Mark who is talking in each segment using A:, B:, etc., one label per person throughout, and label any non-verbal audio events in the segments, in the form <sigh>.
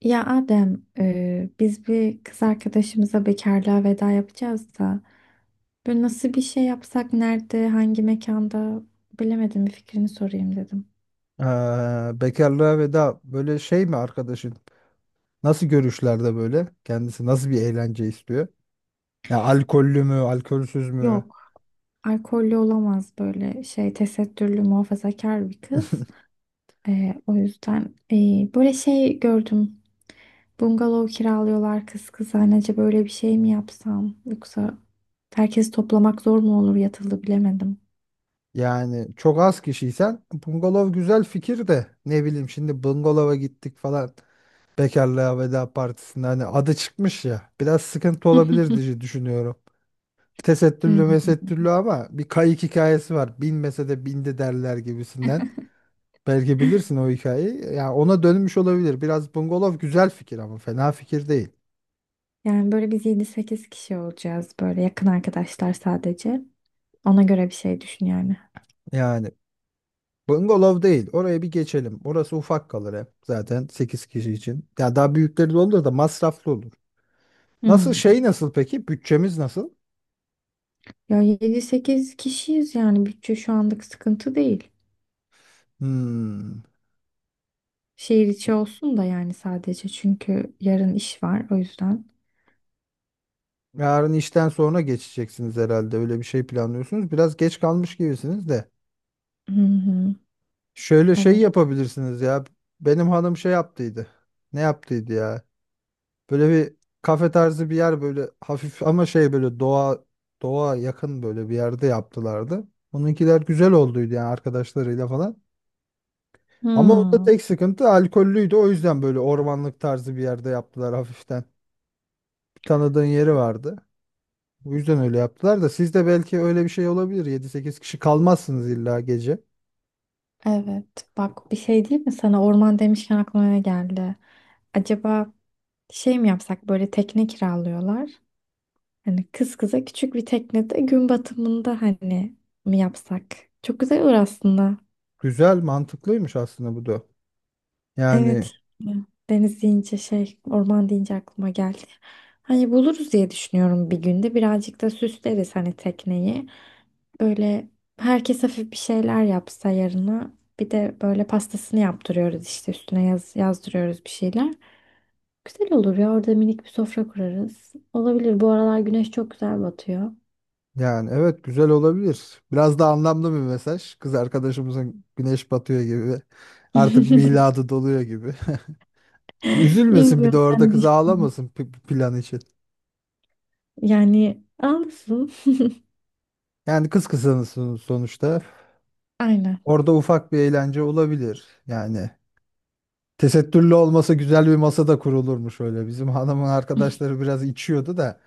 A: Ya Adem, biz bir kız arkadaşımıza bekarlığa veda yapacağız da böyle nasıl bir şey yapsak, nerede, hangi mekanda bilemedim bir fikrini sorayım dedim.
B: Ee, Bekarlığa veda böyle şey mi arkadaşın? Nasıl görüşlerde böyle? Kendisi nasıl bir eğlence istiyor? Ya alkollü mü, alkolsüz mü?
A: Yok, alkollü olamaz böyle şey tesettürlü muhafazakar bir kız.
B: <laughs>
A: O yüzden böyle şey gördüm. Bungalov kiralıyorlar kızanece böyle bir şey mi yapsam yoksa herkesi toplamak zor mu olur yatılı bilemedim.
B: Yani çok az kişiysen bungalov güzel fikir de ne bileyim şimdi bungalova gittik falan bekarlığa veda partisinde hani adı çıkmış ya biraz sıkıntı olabilir
A: <laughs>
B: diye düşünüyorum. Tesettürlü
A: Hmm.
B: mesettürlü ama bir kayık hikayesi var. Binmese de bindi derler gibisinden. Belki bilirsin o hikayeyi. Ya ona dönmüş olabilir. Biraz bungalov güzel fikir ama fena fikir değil.
A: Yani böyle biz yedi sekiz kişi olacağız böyle yakın arkadaşlar sadece. Ona göre bir şey düşün yani.
B: Yani bungalov değil. Oraya bir geçelim. Orası ufak kalır hep. Zaten 8 kişi için. Ya daha büyükleri de olur da masraflı olur. Nasıl
A: Hmm.
B: şey nasıl peki? Bütçemiz nasıl?
A: Ya 7-8 kişiyiz yani bütçe şu anlık sıkıntı değil.
B: Hmm.
A: Şehir içi olsun da yani sadece çünkü yarın iş var o yüzden.
B: Yarın işten sonra geçeceksiniz herhalde. Öyle bir şey planlıyorsunuz. Biraz geç kalmış gibisiniz de.
A: Hı hı.
B: Şöyle şey
A: Evet.
B: yapabilirsiniz ya. Benim hanım şey yaptıydı. Ne yaptıydı ya? Böyle bir kafe tarzı bir yer böyle hafif ama şey böyle doğa yakın böyle bir yerde yaptılardı. Onunkiler güzel olduydu yani arkadaşlarıyla falan. Ama orada
A: Hmm.
B: tek sıkıntı alkollüydü. O yüzden böyle ormanlık tarzı bir yerde yaptılar hafiften. Bir tanıdığın yeri vardı. Bu yüzden öyle yaptılar da siz de belki öyle bir şey olabilir. 7-8 kişi kalmazsınız illa gece.
A: Evet. Bak bir şey diyeyim mi sana, orman demişken aklıma ne geldi? Acaba şey mi yapsak, böyle tekne kiralıyorlar. Hani kız kıza küçük bir teknede gün batımında hani mi yapsak? Çok güzel olur aslında.
B: Güzel, mantıklıymış aslında bu da.
A: Evet.
B: Yani
A: Deniz deyince şey, orman deyince aklıma geldi. Hani buluruz diye düşünüyorum bir günde. Birazcık da süsleriz hani tekneyi. Böyle herkes hafif bir şeyler yapsa yarına. Bir de böyle pastasını yaptırıyoruz işte, üstüne yazdırıyoruz bir şeyler. Güzel olur ya, orada minik bir sofra kurarız. Olabilir, bu aralar güneş çok güzel batıyor.
B: Evet güzel olabilir. Biraz da anlamlı bir mesaj. Kız arkadaşımızın güneş batıyor gibi. Artık
A: <laughs>
B: miladı doluyor gibi. <laughs>
A: <laughs>
B: Üzülmesin bir de orada
A: Gözden
B: kız
A: diş.
B: ağlamasın plan için.
A: Yani alsın.
B: Yani kız kızanısın sonuçta.
A: Aynen.
B: Orada ufak bir eğlence olabilir. Yani tesettürlü olmasa güzel bir masa da kurulurmuş öyle. Bizim hanımın arkadaşları biraz içiyordu da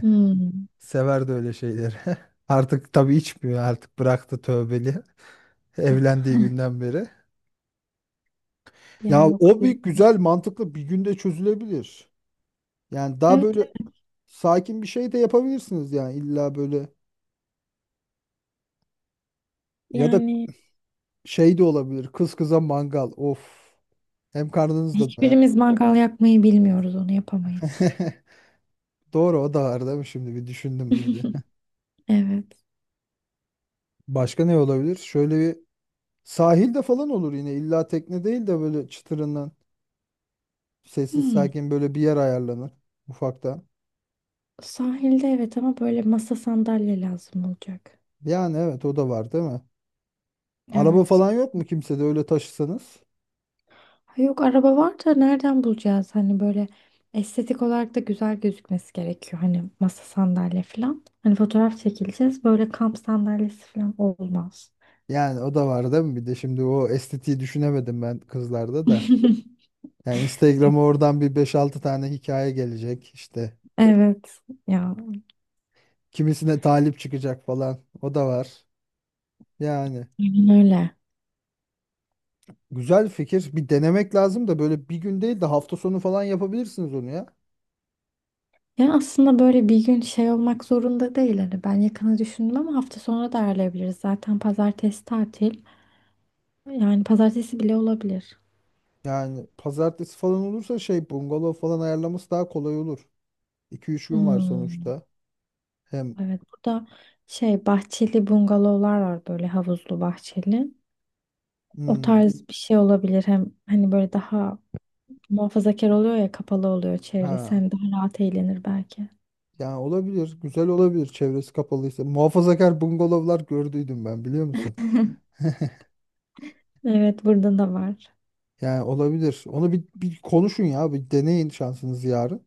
A: Hmm.
B: severdi öyle şeyleri. <laughs> Artık tabii içmiyor artık bıraktı tövbeli. <laughs> Evlendiği günden beri.
A: Ya
B: Ya
A: yok
B: o bir
A: biz.
B: güzel mantıklı bir günde çözülebilir. Yani daha
A: Evet,
B: böyle
A: evet.
B: sakin bir şey de yapabilirsiniz yani illa böyle, ya da
A: yani
B: şey de olabilir kız kıza mangal of, hem karnınız da doyar.
A: Hiçbirimiz mangal yakmayı bilmiyoruz, onu yapamayız.
B: <laughs> Doğru o da var değil mi şimdi bir düşündüm böyle.
A: <laughs> Evet.
B: <laughs> Başka ne olabilir? Şöyle bir sahilde falan olur yine illa tekne değil de böyle çıtırından sessiz
A: Hmm.
B: sakin böyle bir yer ayarlanır ufaktan.
A: Sahilde evet, ama böyle masa sandalye lazım olacak.
B: Yani evet o da var değil mi? Araba
A: Evet.
B: falan yok mu kimsede öyle taşısanız?
A: Ha, yok araba var da nereden bulacağız? Hani böyle estetik olarak da güzel gözükmesi gerekiyor. Hani masa sandalye falan. Hani fotoğraf çekileceğiz. Böyle kamp sandalyesi falan olmaz.
B: Yani o da var değil mi? Bir de şimdi o estetiği düşünemedim ben kızlarda da.
A: <laughs>
B: Yani Instagram'a oradan bir beş altı tane hikaye gelecek işte.
A: Evet ya,
B: Kimisine talip çıkacak falan. O da var. Yani
A: aynen öyle.
B: güzel fikir. Bir denemek lazım da böyle bir gün değil de hafta sonu falan yapabilirsiniz onu ya.
A: Ya aslında böyle bir gün şey olmak zorunda değil. Hani ben yakını düşündüm ama hafta sonra da ayarlayabiliriz. Zaten pazartesi tatil. Yani pazartesi bile olabilir.
B: Yani pazartesi falan olursa şey bungalov falan ayarlaması daha kolay olur. 2 üç gün var
A: Hmm.
B: sonuçta. Hem
A: Evet, burada şey bahçeli bungalovlar var, böyle havuzlu bahçeli. O
B: hmm,
A: tarz bir şey olabilir. Hem hani böyle daha muhafazakar oluyor ya, kapalı oluyor çevresi.
B: ha
A: Hem daha rahat eğlenir belki.
B: yani olabilir. Güzel olabilir çevresi kapalıysa. Muhafazakar bungalovlar gördüydüm ben biliyor musun?
A: Evet, burada da var.
B: Yani olabilir. Onu bir konuşun ya. Bir deneyin şansınızı yarın.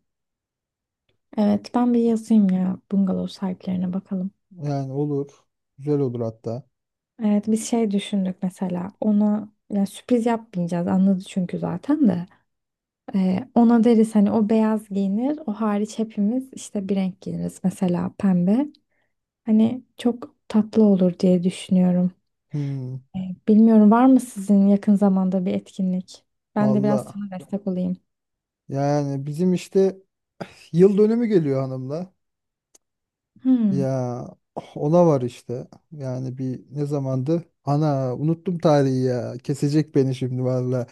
A: Evet, ben bir yazayım ya bungalov sahiplerine, bakalım.
B: Yani olur. Güzel olur hatta.
A: Evet, biz şey düşündük mesela ona, yani sürpriz yapmayacağız, anladı çünkü zaten de. Ona deriz hani, o beyaz giyinir, o hariç hepimiz işte bir renk giyiniriz, mesela pembe, hani çok tatlı olur diye düşünüyorum.
B: Hmm,
A: Ee, bilmiyorum var mı sizin yakın zamanda bir etkinlik? Ben de biraz
B: valla.
A: sana destek olayım.
B: Yani bizim işte <sighs> yıl dönümü geliyor hanımla.
A: Hmm.
B: Ya ona var işte. Yani bir ne zamandı? Ana unuttum tarihi ya. Kesecek beni şimdi valla.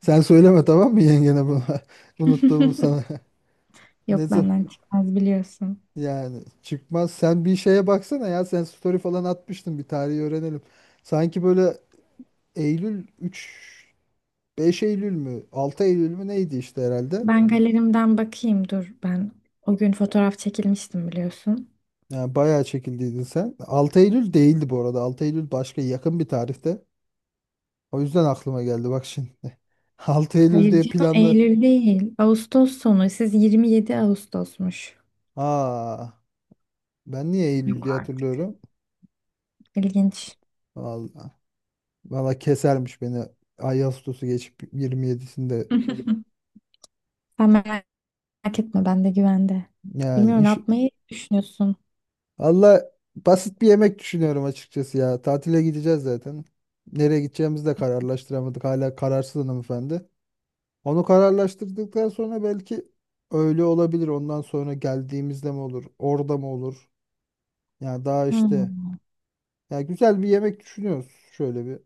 B: Sen söyleme tamam mı yengene bunu? <laughs> Unuttuğumu
A: <laughs>
B: sana. <laughs> Ne
A: Yok,
B: zaman?
A: benden çıkmaz, biliyorsun.
B: Yani çıkmaz. Sen bir şeye baksana ya. Sen story falan atmıştın bir tarihi öğrenelim. Sanki böyle Eylül 3 5 Eylül mü? 6 Eylül mü neydi işte herhalde.
A: Ben galerimden bakayım dur, ben o gün fotoğraf çekilmiştim, biliyorsun.
B: Yani bayağı çekildiydin sen. 6 Eylül değildi bu arada. 6 Eylül başka yakın bir tarihte. O yüzden aklıma geldi bak şimdi. <laughs> 6 Eylül
A: Hayır
B: diye
A: canım,
B: planlar.
A: Eylül değil. Ağustos sonu. Siz 27 Ağustos'muş.
B: Aa, ben niye Eylül
A: Yok
B: diye
A: artık.
B: hatırlıyorum?
A: İlginç.
B: Vallahi. Valla kesermiş beni. Ağustos'u geçip 27'sinde
A: <laughs> Sen merak etme, ben de güvende.
B: yani
A: Bilmiyorum ne
B: iş.
A: yapmayı düşünüyorsun.
B: Valla basit bir yemek düşünüyorum açıkçası ya. Tatile gideceğiz zaten. Nereye gideceğimizi de kararlaştıramadık. Hala kararsız hanımefendi. Onu kararlaştırdıktan sonra belki öyle olabilir. Ondan sonra geldiğimizde mi olur? Orada mı olur? Yani daha işte,
A: Hmm.
B: ya güzel bir yemek düşünüyoruz şöyle bir.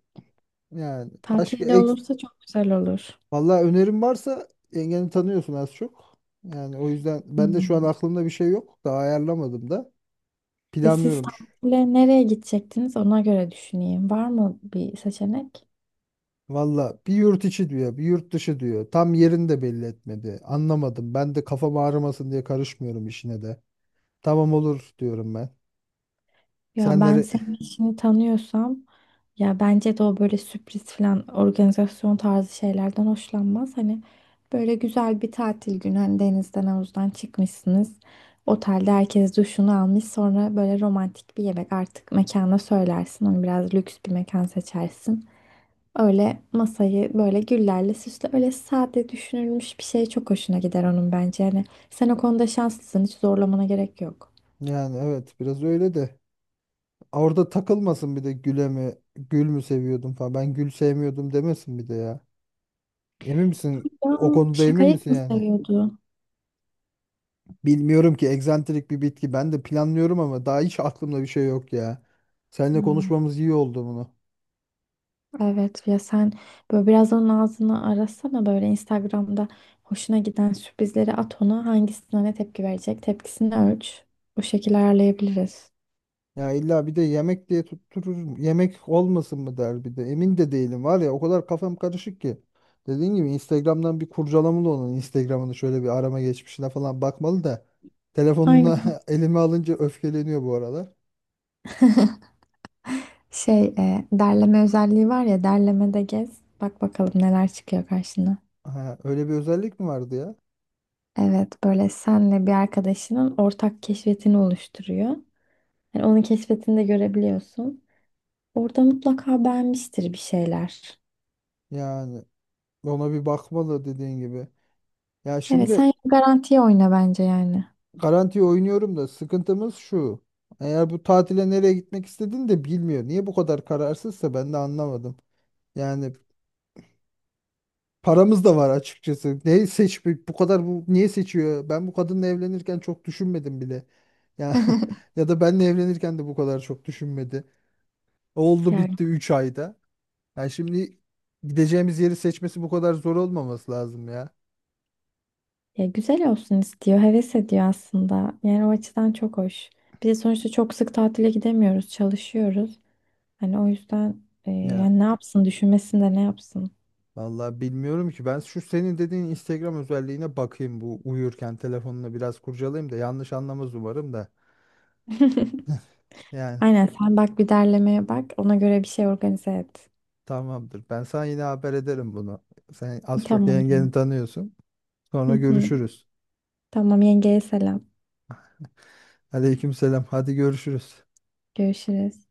B: Yani başka
A: Tatilde
B: ek,
A: olursa çok güzel olur.
B: vallahi önerim varsa yengeni tanıyorsun az çok. Yani o yüzden ben de şu an
A: Hmm.
B: aklımda bir şey yok. Daha ayarlamadım da.
A: E siz
B: Planlıyorum.
A: tatile nereye gidecektiniz, ona göre düşüneyim. Var mı bir seçenek?
B: Valla bir yurt içi diyor, bir yurt dışı diyor. Tam yerini de belli etmedi. Anlamadım. Ben de kafam ağrımasın diye karışmıyorum işine de. Tamam olur diyorum ben.
A: Ya ben
B: Senleri,
A: senin işini tanıyorsam, ya bence de o böyle sürpriz falan organizasyon tarzı şeylerden hoşlanmaz. Hani böyle güzel bir tatil günü, hani denizden havuzdan çıkmışsınız. Otelde herkes duşunu almış, sonra böyle romantik bir yemek, artık mekana söylersin. Onu biraz lüks bir mekan seçersin. Öyle masayı böyle güllerle süsle, öyle sade düşünülmüş bir şey çok hoşuna gider onun bence. Hani sen o konuda şanslısın, hiç zorlamana gerek yok.
B: yani evet biraz öyle de. Orada takılmasın bir de güle mi, gül mü seviyordum falan. Ben gül sevmiyordum demesin bir de ya. Emin misin?
A: Ya
B: O konuda emin
A: şakayık
B: misin
A: mı
B: yani?
A: seviyordu?
B: Bilmiyorum ki egzantrik bir bitki. Ben de planlıyorum ama daha hiç aklımda bir şey yok ya. Seninle
A: Hmm.
B: konuşmamız iyi oldu bunu.
A: Evet ya, sen böyle biraz onun ağzını arasana, böyle Instagram'da hoşuna giden sürprizleri at ona, hangisine ne tepki verecek, tepkisini ölç. Bu şekilde ayarlayabiliriz.
B: Ya illa bir de yemek diye tutturur. Yemek olmasın mı der bir de. Emin de değilim var ya o kadar kafam karışık ki. Dediğin gibi Instagram'dan bir kurcalamalı onun Instagram'ını şöyle bir arama geçmişine falan bakmalı da. Telefonunu
A: Aynen.
B: <laughs> elime alınca öfkeleniyor bu aralar.
A: Şey derleme özelliği var ya, derlemede gez bak bakalım neler çıkıyor karşına.
B: Ha, öyle bir özellik mi vardı ya?
A: Evet, böyle senle bir arkadaşının ortak keşfetini oluşturuyor. Yani onun keşfetini de görebiliyorsun. Orada mutlaka beğenmiştir bir şeyler.
B: Yani ona bir bakmalı dediğin gibi. Ya
A: Evet,
B: şimdi,
A: sen garantiye oyna bence yani.
B: Garanti oynuyorum da sıkıntımız şu. Eğer bu tatile nereye gitmek istediğini de bilmiyor. Niye bu kadar kararsızsa ben de anlamadım. Yani paramız da var açıkçası. Ne seç bu kadar bu niye seçiyor? Ben bu kadınla evlenirken çok düşünmedim bile. Ya
A: <laughs>
B: <laughs> ya da benle evlenirken de bu kadar çok düşünmedi. Oldu
A: Ya.
B: bitti 3 ayda. Yani şimdi gideceğimiz yeri seçmesi bu kadar zor olmaması lazım ya.
A: Ya güzel olsun istiyor, heves ediyor aslında. Yani o açıdan çok hoş. Bir de sonuçta çok sık tatile gidemiyoruz, çalışıyoruz. Hani o yüzden
B: Ya
A: yani ne yapsın, düşünmesin de ne yapsın.
B: vallahi bilmiyorum ki. Ben şu senin dediğin Instagram özelliğine bakayım bu uyurken telefonunu biraz kurcalayayım da yanlış anlamaz umarım da.
A: <laughs>
B: Yani
A: Aynen, sen bak bir derlemeye bak, ona göre bir şey organize et.
B: tamamdır. Ben sana yine haber ederim bunu. Sen az çok
A: Tamam
B: yengeni
A: canım.
B: tanıyorsun.
A: Hı
B: Sonra
A: hı.
B: görüşürüz.
A: Tamam, yengeye selam.
B: Aleykümselam. Hadi görüşürüz.
A: Görüşürüz.